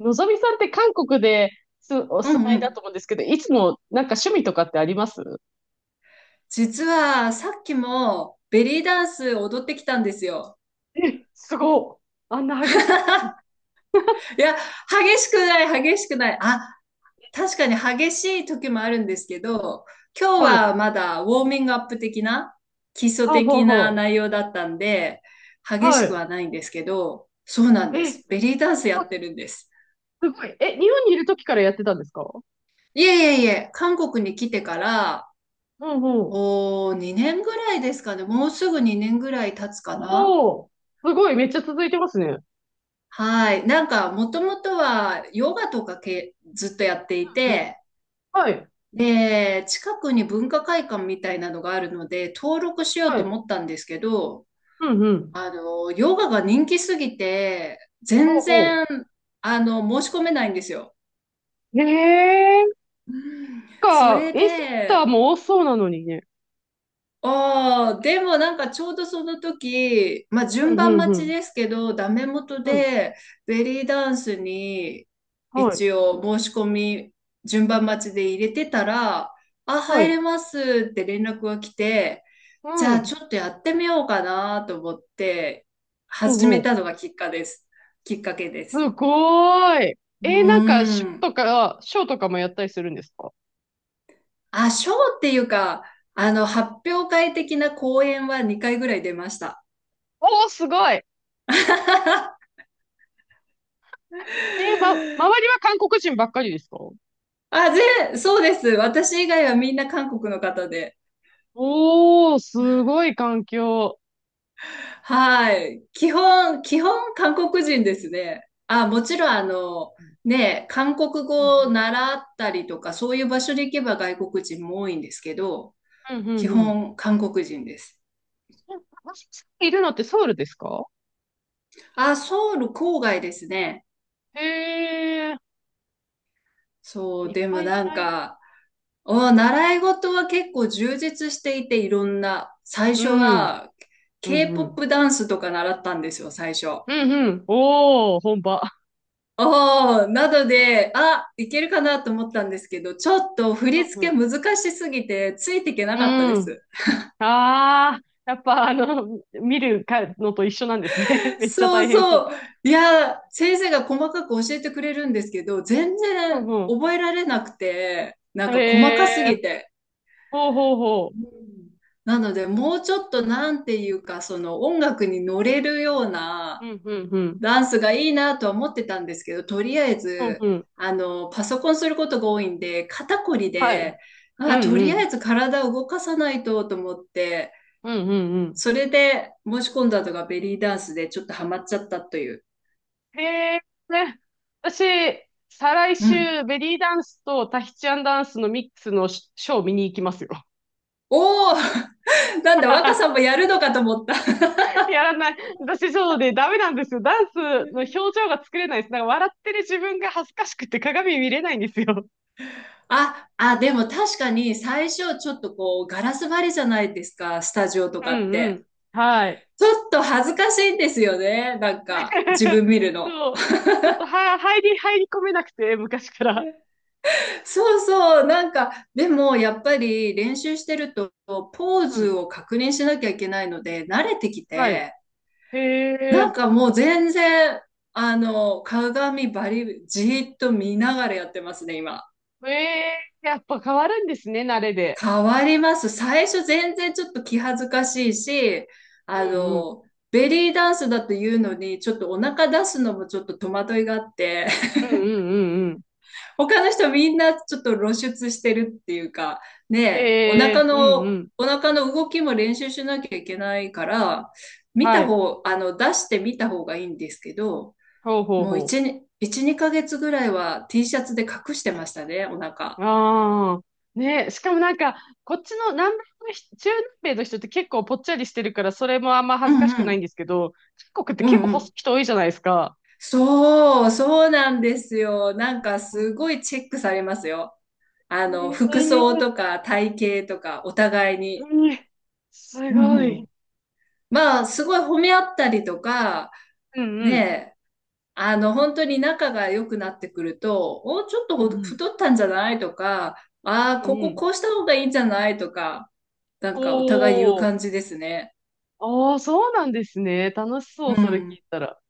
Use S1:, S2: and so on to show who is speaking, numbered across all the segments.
S1: のぞみさんって韓国ですお
S2: う
S1: 住
S2: ん
S1: ま
S2: う
S1: いだと
S2: ん。
S1: 思うんですけど、いつもなんか趣味とかってあります？
S2: 実はさっきもベリーダンス踊ってきたんですよ。
S1: え、すごっ。あんな激しい。
S2: いや、激しくない、激しくない。あ、確かに激しい時もあるんですけど、今日
S1: はい。
S2: はまだウォーミングアップ的な、基礎
S1: はあ、はあ、
S2: 的な
S1: は
S2: 内容だったんで、
S1: あ。
S2: 激
S1: は
S2: しく
S1: い。
S2: はないんですけど、そうなんで
S1: え、
S2: す。ベリーダンスや
S1: あ
S2: ってるんです。
S1: すごい。え、日本にいる時からやってたんですか？
S2: いえいえいえ、韓国に来てから、
S1: うんうん。
S2: 2年ぐらいですかね。もうすぐ2年ぐらい経つかな。
S1: おー。すごい。めっちゃ続いてますね。
S2: はい。なんか、もともとはヨガとかけずっとやってい
S1: うん。
S2: て、
S1: はい。
S2: で、近くに文化会館みたいなのがあるので、登録しよう
S1: は
S2: と
S1: い。
S2: 思ったんですけど、
S1: うんうん。
S2: ヨガが人気すぎて、
S1: ほ
S2: 全
S1: うほ
S2: 然、申し込めないんですよ。
S1: う。
S2: うん。そ
S1: なんか、
S2: れ
S1: インスタ
S2: で、
S1: も多そうなのにね。
S2: ああ、でもなんかちょうどその時、まあ
S1: う
S2: 順
S1: んう
S2: 番
S1: んう
S2: 待ち
S1: ん。
S2: ですけど、ダメ元
S1: うん。
S2: でベリーダンスに
S1: はい。
S2: 一応申し込み順番待ちで入れてたら、あ、
S1: は
S2: 入
S1: い。
S2: れますって連絡が来て、
S1: う
S2: じゃあ
S1: ん。
S2: ちょっとやってみようかなと思って
S1: ほう
S2: 始
S1: ほ
S2: めた
S1: う。
S2: のがきっかけで
S1: す
S2: す。
S1: ごーい。
S2: う
S1: なんか、
S2: ー
S1: ショー
S2: ん。
S1: とか、ショーとかもやったりするんですか？
S2: あ、ショーっていうか、発表会的な講演は2回ぐらい出ました。
S1: おー、すごい。ま、周りは韓国人ばっかりですか？
S2: あ、そうです。私以外はみんな韓国の方で。
S1: おー、すごい環境。
S2: はい。基本韓国人ですね。あ、もちろんね、韓国
S1: う
S2: 語を
S1: ん
S2: 習ったりとか、そういう場所に行けば外国人も多いんですけど、
S1: うんう
S2: 基
S1: んうん。
S2: 本韓国人です。
S1: いるのってソウルですか？
S2: あ、ソウル郊外ですね。
S1: へえ、
S2: そ
S1: い
S2: う、
S1: っ
S2: で
S1: ぱ
S2: も
S1: い
S2: なん
S1: 習い。
S2: か、習い事は結構充実していて、いろんな、最
S1: う
S2: 初
S1: ん、
S2: は
S1: うん、うん。
S2: K-POP ダンスとか習ったんですよ、最初。
S1: うん、うん。おー、本場。
S2: なので、あ、いけるかなと思ったんですけど、ちょっと振
S1: う
S2: り
S1: ん、う
S2: 付け
S1: ん。
S2: 難しすぎて、ついていけな
S1: う
S2: かったで
S1: ん。
S2: す。
S1: あー、やっぱ見るかのと一緒なんですね。めっちゃ
S2: そ
S1: 大
S2: う
S1: 変
S2: そ
S1: そ
S2: う。いや、先生が細かく教えてくれるんですけど、全
S1: う。うん、
S2: 然
S1: うん。
S2: 覚えられなくて、なん
S1: へ
S2: か細かす
S1: え、
S2: ぎて。
S1: ほうほうほう。
S2: うん。なので、もうちょっとなんていうか、その音楽に乗れるよう
S1: う
S2: な、
S1: ん、うん、うん。
S2: ダンスがいいなとは思ってたんですけど、とりあえ
S1: うん、
S2: ず、
S1: うん。
S2: パソコンすることが多いんで、肩こり
S1: はい。
S2: で、
S1: う
S2: あ、
S1: ん、
S2: と
S1: う
S2: りあ
S1: ん。
S2: えず体を動かさないとと思って、
S1: うん、うん、うん。
S2: それで申し込んだのがベリーダンスでちょっとハマっちゃったという。
S1: へえ、ね。私、再来
S2: うん。
S1: 週、ベリーダンスとタヒチアンダンスのミックスのシショー見に行きますよ。
S2: おお なんだ、若 さんもやるのかと思った。
S1: やらない。私、そうで、ダメなんですよ。ダンスの表情が作れないです。なんか笑ってる自分が恥ずかしくて鏡見れないんですよ。
S2: あ、でも確かに最初ちょっとこうガラス張りじゃないですか、スタジオと
S1: う
S2: かっ
S1: んう
S2: て。
S1: ん。はい。
S2: ちょっと恥ずかしいんですよね、なんか自 分見るの。
S1: そう。ちょっとは、入り込めなくて、昔から。
S2: そうそう、なんか、でもやっぱり練習してると、ポー
S1: う
S2: ズ
S1: ん。
S2: を確認しなきゃいけないので、慣れてき
S1: はい。
S2: て、
S1: へえ、
S2: なんかもう全然、鏡じーっと見ながらやってますね、今。
S1: ええ、やっぱ変わるんですね、慣れで。
S2: 変わります。最初全然ちょっと気恥ずかしいし、
S1: う
S2: あ
S1: んうん。
S2: の、ベリーダンスだというのに、ちょっとお腹出すのもちょっと戸惑いがあって、
S1: うんうんうんうん。
S2: 他の人みんなちょっと露出してるっていうか、ね
S1: へ
S2: え、
S1: え、うんうん。
S2: お腹の動きも練習しなきゃいけないから、見
S1: は
S2: た
S1: い。
S2: 方、あの、出してみた方がいいんですけど、
S1: ほうほう
S2: もう
S1: ほ
S2: 1、に1、2ヶ月ぐらいは T シャツで隠してましたね、お
S1: う。
S2: 腹。
S1: ああ。ねえ、しかもなんか、こっちの南米の人、中南米の人って結構ぽっちゃりしてるから、それもあんま
S2: う
S1: 恥ずか
S2: ん
S1: しく
S2: う
S1: ないん
S2: ん。
S1: ですけど、韓国って
S2: うん
S1: 結構
S2: う
S1: 細い
S2: ん。
S1: 人多いじゃないですか。
S2: そう、そうなんですよ。なんかすごいチェックされますよ。
S1: へ
S2: 服
S1: え、
S2: 装とか体型とかお互いに。
S1: うん。す
S2: う
S1: ご
S2: んう
S1: い。
S2: ん。まあ、すごい褒め合ったりとか、
S1: うんう
S2: ね
S1: ん。
S2: え、本当に仲が良くなってくると、ちょっと
S1: うんうん。
S2: 太ったんじゃないとか、あ
S1: うん
S2: あ、
S1: うん。
S2: こうした方がいいんじゃないとか、なんかお互い言う
S1: お
S2: 感
S1: ー。
S2: じですね。
S1: ああ、そうなんですね。楽しそう、
S2: う
S1: それ聞
S2: ん。
S1: いたら。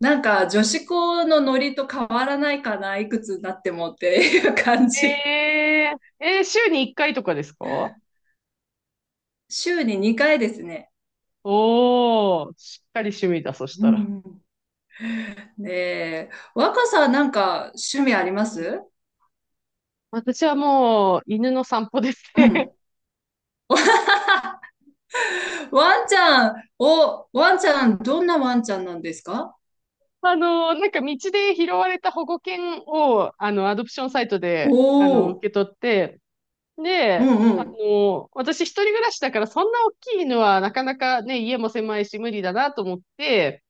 S2: なんか女子校のノリと変わらないかな、いくつになってもっていう感じ。
S1: え週に1回とかですか？
S2: 週に2回ですね。
S1: おー、しっかり趣味だ、そし
S2: う
S1: た
S2: ん
S1: ら。
S2: うん。ね、若さん、なんか趣味ありま
S1: うん。
S2: す？
S1: 私はもう、犬の散歩です
S2: う
S1: ね。
S2: ん。ワンちゃん、どんなワンちゃんなんですか？
S1: なんか道で拾われた保護犬を、アドプションサイト
S2: お
S1: で、受
S2: おー、
S1: け取って、
S2: う
S1: で、
S2: んうん。
S1: 私一人暮らしだから、そんな大きい犬はなかなかね、家も狭いし無理だなと思って、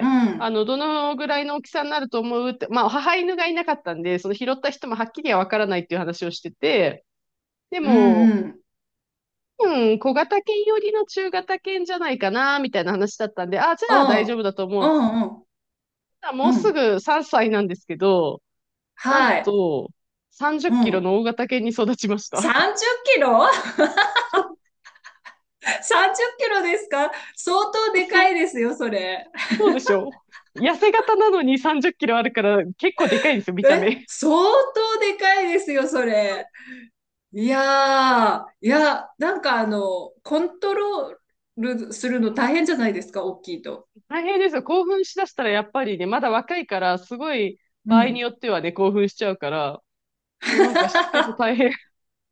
S2: うん、
S1: どのぐらいの大きさになると思うって、まあ、母犬がいなかったんで、その拾った人もはっきりはわからないっていう話をしてて、で
S2: うん、
S1: も、
S2: うん、
S1: うん、小型犬寄りの中型犬じゃないかな、みたいな話だったんで、あ、じ
S2: う
S1: ゃあ
S2: ん、
S1: 大丈夫だと思
S2: う
S1: う、つって。
S2: ん、うん、
S1: ただもう
S2: う
S1: す
S2: ん、
S1: ぐ3歳なんですけど、なん
S2: はい、
S1: と、30キ
S2: う
S1: ロ
S2: ん。
S1: の大型犬に育ちました。
S2: 30キロ。
S1: そう
S2: 30 キロですか？相当
S1: そう
S2: で
S1: そ
S2: か
S1: う。
S2: いですよ、それ。
S1: そうでしょ？痩せ型なのに30キロあるから結構でかいんですよ、見た
S2: え、
S1: 目。
S2: 相当でかいですよ、それ。いやー、いや、なんかコントロールするの大変じゃないですか、大きいと。
S1: 大変ですよ。興奮しだしたらやっぱりね、まだ若いから、すごい。
S2: う
S1: 場合によ
S2: ん。
S1: ってはね、興奮しちゃうから、もうなんかしつけも大 変。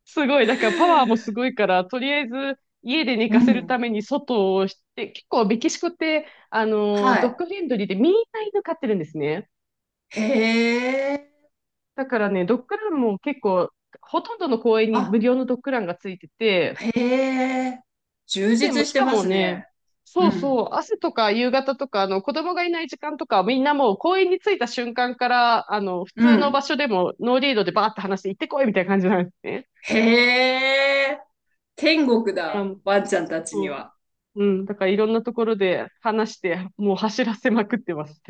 S1: すごい。だからパワーもすごいから、とりあえず家で寝
S2: う
S1: かせるた
S2: ん。
S1: めに外をして、結構メキシコって、
S2: は
S1: ドッ
S2: い。
S1: グフレンドリーでみんな犬飼ってるんですね。
S2: へえ。
S1: だからね、ドッグランも結構、ほとんどの公園に無
S2: あ、
S1: 料のドッグランがついてて、
S2: へえ。充
S1: で、もう
S2: 実し
S1: し
S2: て
S1: か
S2: ま
S1: も
S2: す
S1: ね、
S2: ね。う
S1: そう
S2: ん。
S1: そう、朝とか夕方とか、子供がいない時間とかみんなもう公園に着いた瞬間から、普
S2: う
S1: 通の場
S2: ん。
S1: 所でもノーリードでバーって話して行ってこいみたいな感じなんですね。
S2: へえ、天国だ、ワンちゃんたちに
S1: そ
S2: は。
S1: う。うん。だからいろんなところで話して、もう走らせまくってます。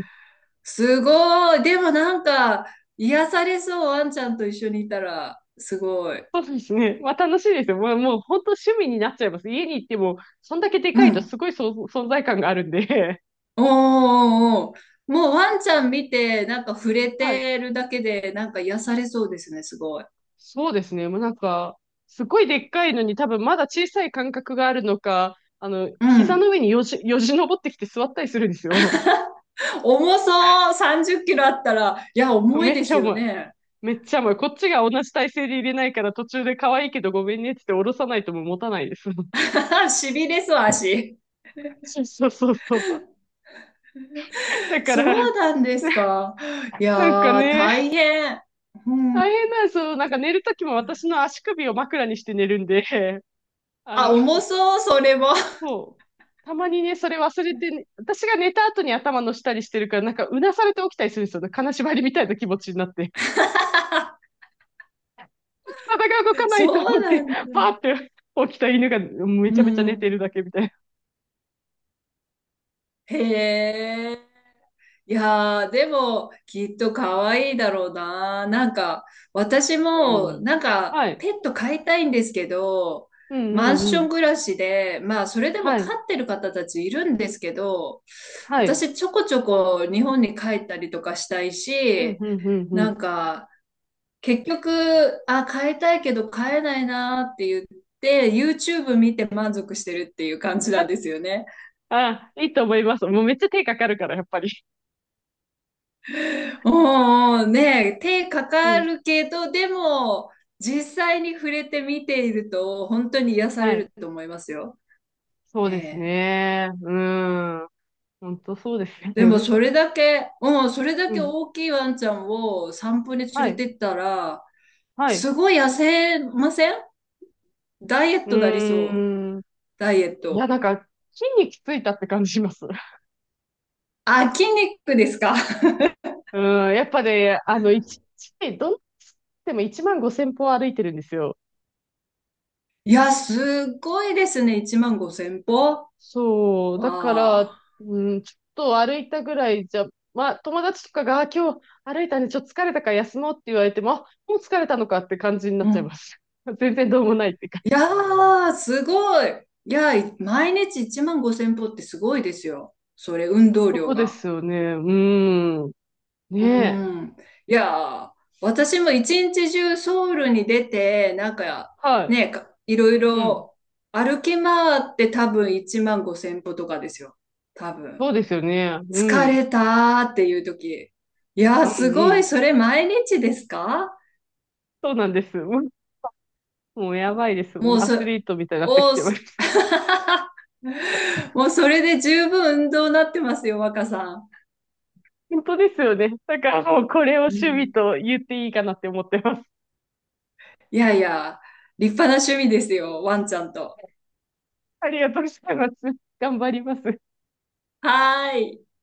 S2: すごい。でもなんか、癒されそう、ワンちゃんと一緒にいたら、すごい。
S1: そうですね。まあ楽しいですよ。もう本当趣味になっちゃいます。家に行っても、そんだけで
S2: う
S1: かいと
S2: ん。
S1: すごい存存在感があるんで。
S2: おーおーおーもうワンちゃん見て、なんか触れ
S1: はい。
S2: てるだけで、なんか癒されそうですね、すごい。
S1: そうですね。もうなんか、すごいでっかいのに多分まだ小さい感覚があるのか、
S2: う
S1: 膝
S2: ん。
S1: の上によじ登ってきて座ったりするんですよ。
S2: 重そう、30キロあったら、いや、重
S1: め
S2: い
S1: っ
S2: で
S1: ちゃ
S2: すよ
S1: 重い。
S2: ね。
S1: めっちゃ重い。こっちが同じ体勢で入れないから途中で可愛いけどごめんねって言って下ろさないともう持たないです。
S2: しびれそう、足。
S1: そうそうそう。だから、
S2: そうなんですか。いや
S1: なんか
S2: ー、
S1: ね、
S2: 大変。
S1: 大変なんですよ。なんか寝るときも私の足首を枕にして寝るんで、あ
S2: あ、
S1: の、
S2: 重そう、それも。
S1: そう。たまにね、それ忘れて、ね、私が寝た後に頭の下にしてるから、なんかうなされて起きたりするんですよね。金縛りみたいな気持ちになって。体が動かないと
S2: そ
S1: 思
S2: う
S1: っ
S2: な
S1: て、
S2: んだ。
S1: パーって起きた犬が
S2: う
S1: めちゃめちゃ寝て
S2: ん。
S1: るだけみたいな。
S2: へえ。いやー、でも、きっと可愛いだろうな。なんか、私も、
S1: うん。
S2: なんか、
S1: はい。
S2: ペット飼いたいんですけど、
S1: うんう
S2: マン
S1: んう
S2: ショ
S1: ん。
S2: ン暮らしで、まあ、それでも
S1: は
S2: 飼
S1: い。
S2: ってる方たちいるんですけど、
S1: はい。
S2: 私、ちょこちょこ日本に帰ったりとかしたい
S1: うん
S2: し、
S1: うんうんう
S2: な
S1: ん。
S2: んか、結局、あ、変えたいけど変えないなって言って、YouTube 見て満足してるっていう感じな
S1: あ、
S2: んですよね。
S1: あ、いいと思います。もうめっちゃ手かかるから、やっぱり。
S2: おうねえ、手か
S1: う
S2: か
S1: ん。
S2: るけど、でも、実際に触れて見ていると、本当に癒さ
S1: は
S2: れ
S1: い。
S2: ると思いますよ。
S1: そうです
S2: ねえ。
S1: ね。うん。本当そうですよ
S2: で
S1: ね。
S2: も、
S1: う
S2: それだけ、うん、それだけ
S1: ん。
S2: 大きいワンちゃんを散歩に
S1: は
S2: 連れ
S1: い。
S2: てったら、
S1: はい。
S2: すごい痩せません？ダイエットなり
S1: う
S2: そう。
S1: ーん。
S2: ダイエッ
S1: いや、
S2: ト。
S1: なんか、筋肉ついたって感じします。
S2: あ、筋肉ですか？
S1: うん。やっぱね、一日、どんなつっても1万5千歩歩いてるんですよ。
S2: いや、すごいですね。1万5千歩わ
S1: そう。だから、
S2: あ。
S1: うん、ちょっと歩いたぐらいじゃ、まあ、友達とかが、あ今日歩いたね、ちょっと疲れたから休もうって言われても、あもう疲れたのかって感じになっ
S2: う
S1: ちゃいま
S2: ん。
S1: す。全然どうもないって感
S2: い
S1: じ。
S2: やー、すごい。いや、毎日1万5千歩ってすごいですよ。それ、運 動
S1: そ
S2: 量
S1: うで
S2: が。
S1: すよね。うん。ね
S2: う
S1: え。
S2: ん。いやー、私も一日中ソウルに出て、なんか、
S1: は
S2: ね、いろい
S1: い。うん。
S2: ろ歩き回って多分1万5千歩とかですよ。多分。
S1: そうですよね。う
S2: 疲
S1: ん。
S2: れたーっていう時。いや
S1: う
S2: ー、
S1: ん、
S2: す
S1: う
S2: ごい。
S1: ん。
S2: それ、毎日ですか？
S1: そうなんです。もうやばいです。も
S2: も
S1: う
S2: う
S1: ア
S2: そ、
S1: スリートみたいになってき
S2: おー
S1: てま
S2: す、
S1: す。
S2: もうそれで十分運動になってますよ、若さ
S1: 本当ですよね。だからもうこれを
S2: ん。う
S1: 趣味
S2: ん。
S1: と言っていいかなって思ってます。
S2: いやいや、立派な趣味ですよ、ワンちゃんと。
S1: ありがとうございます。頑張ります。
S2: はーい。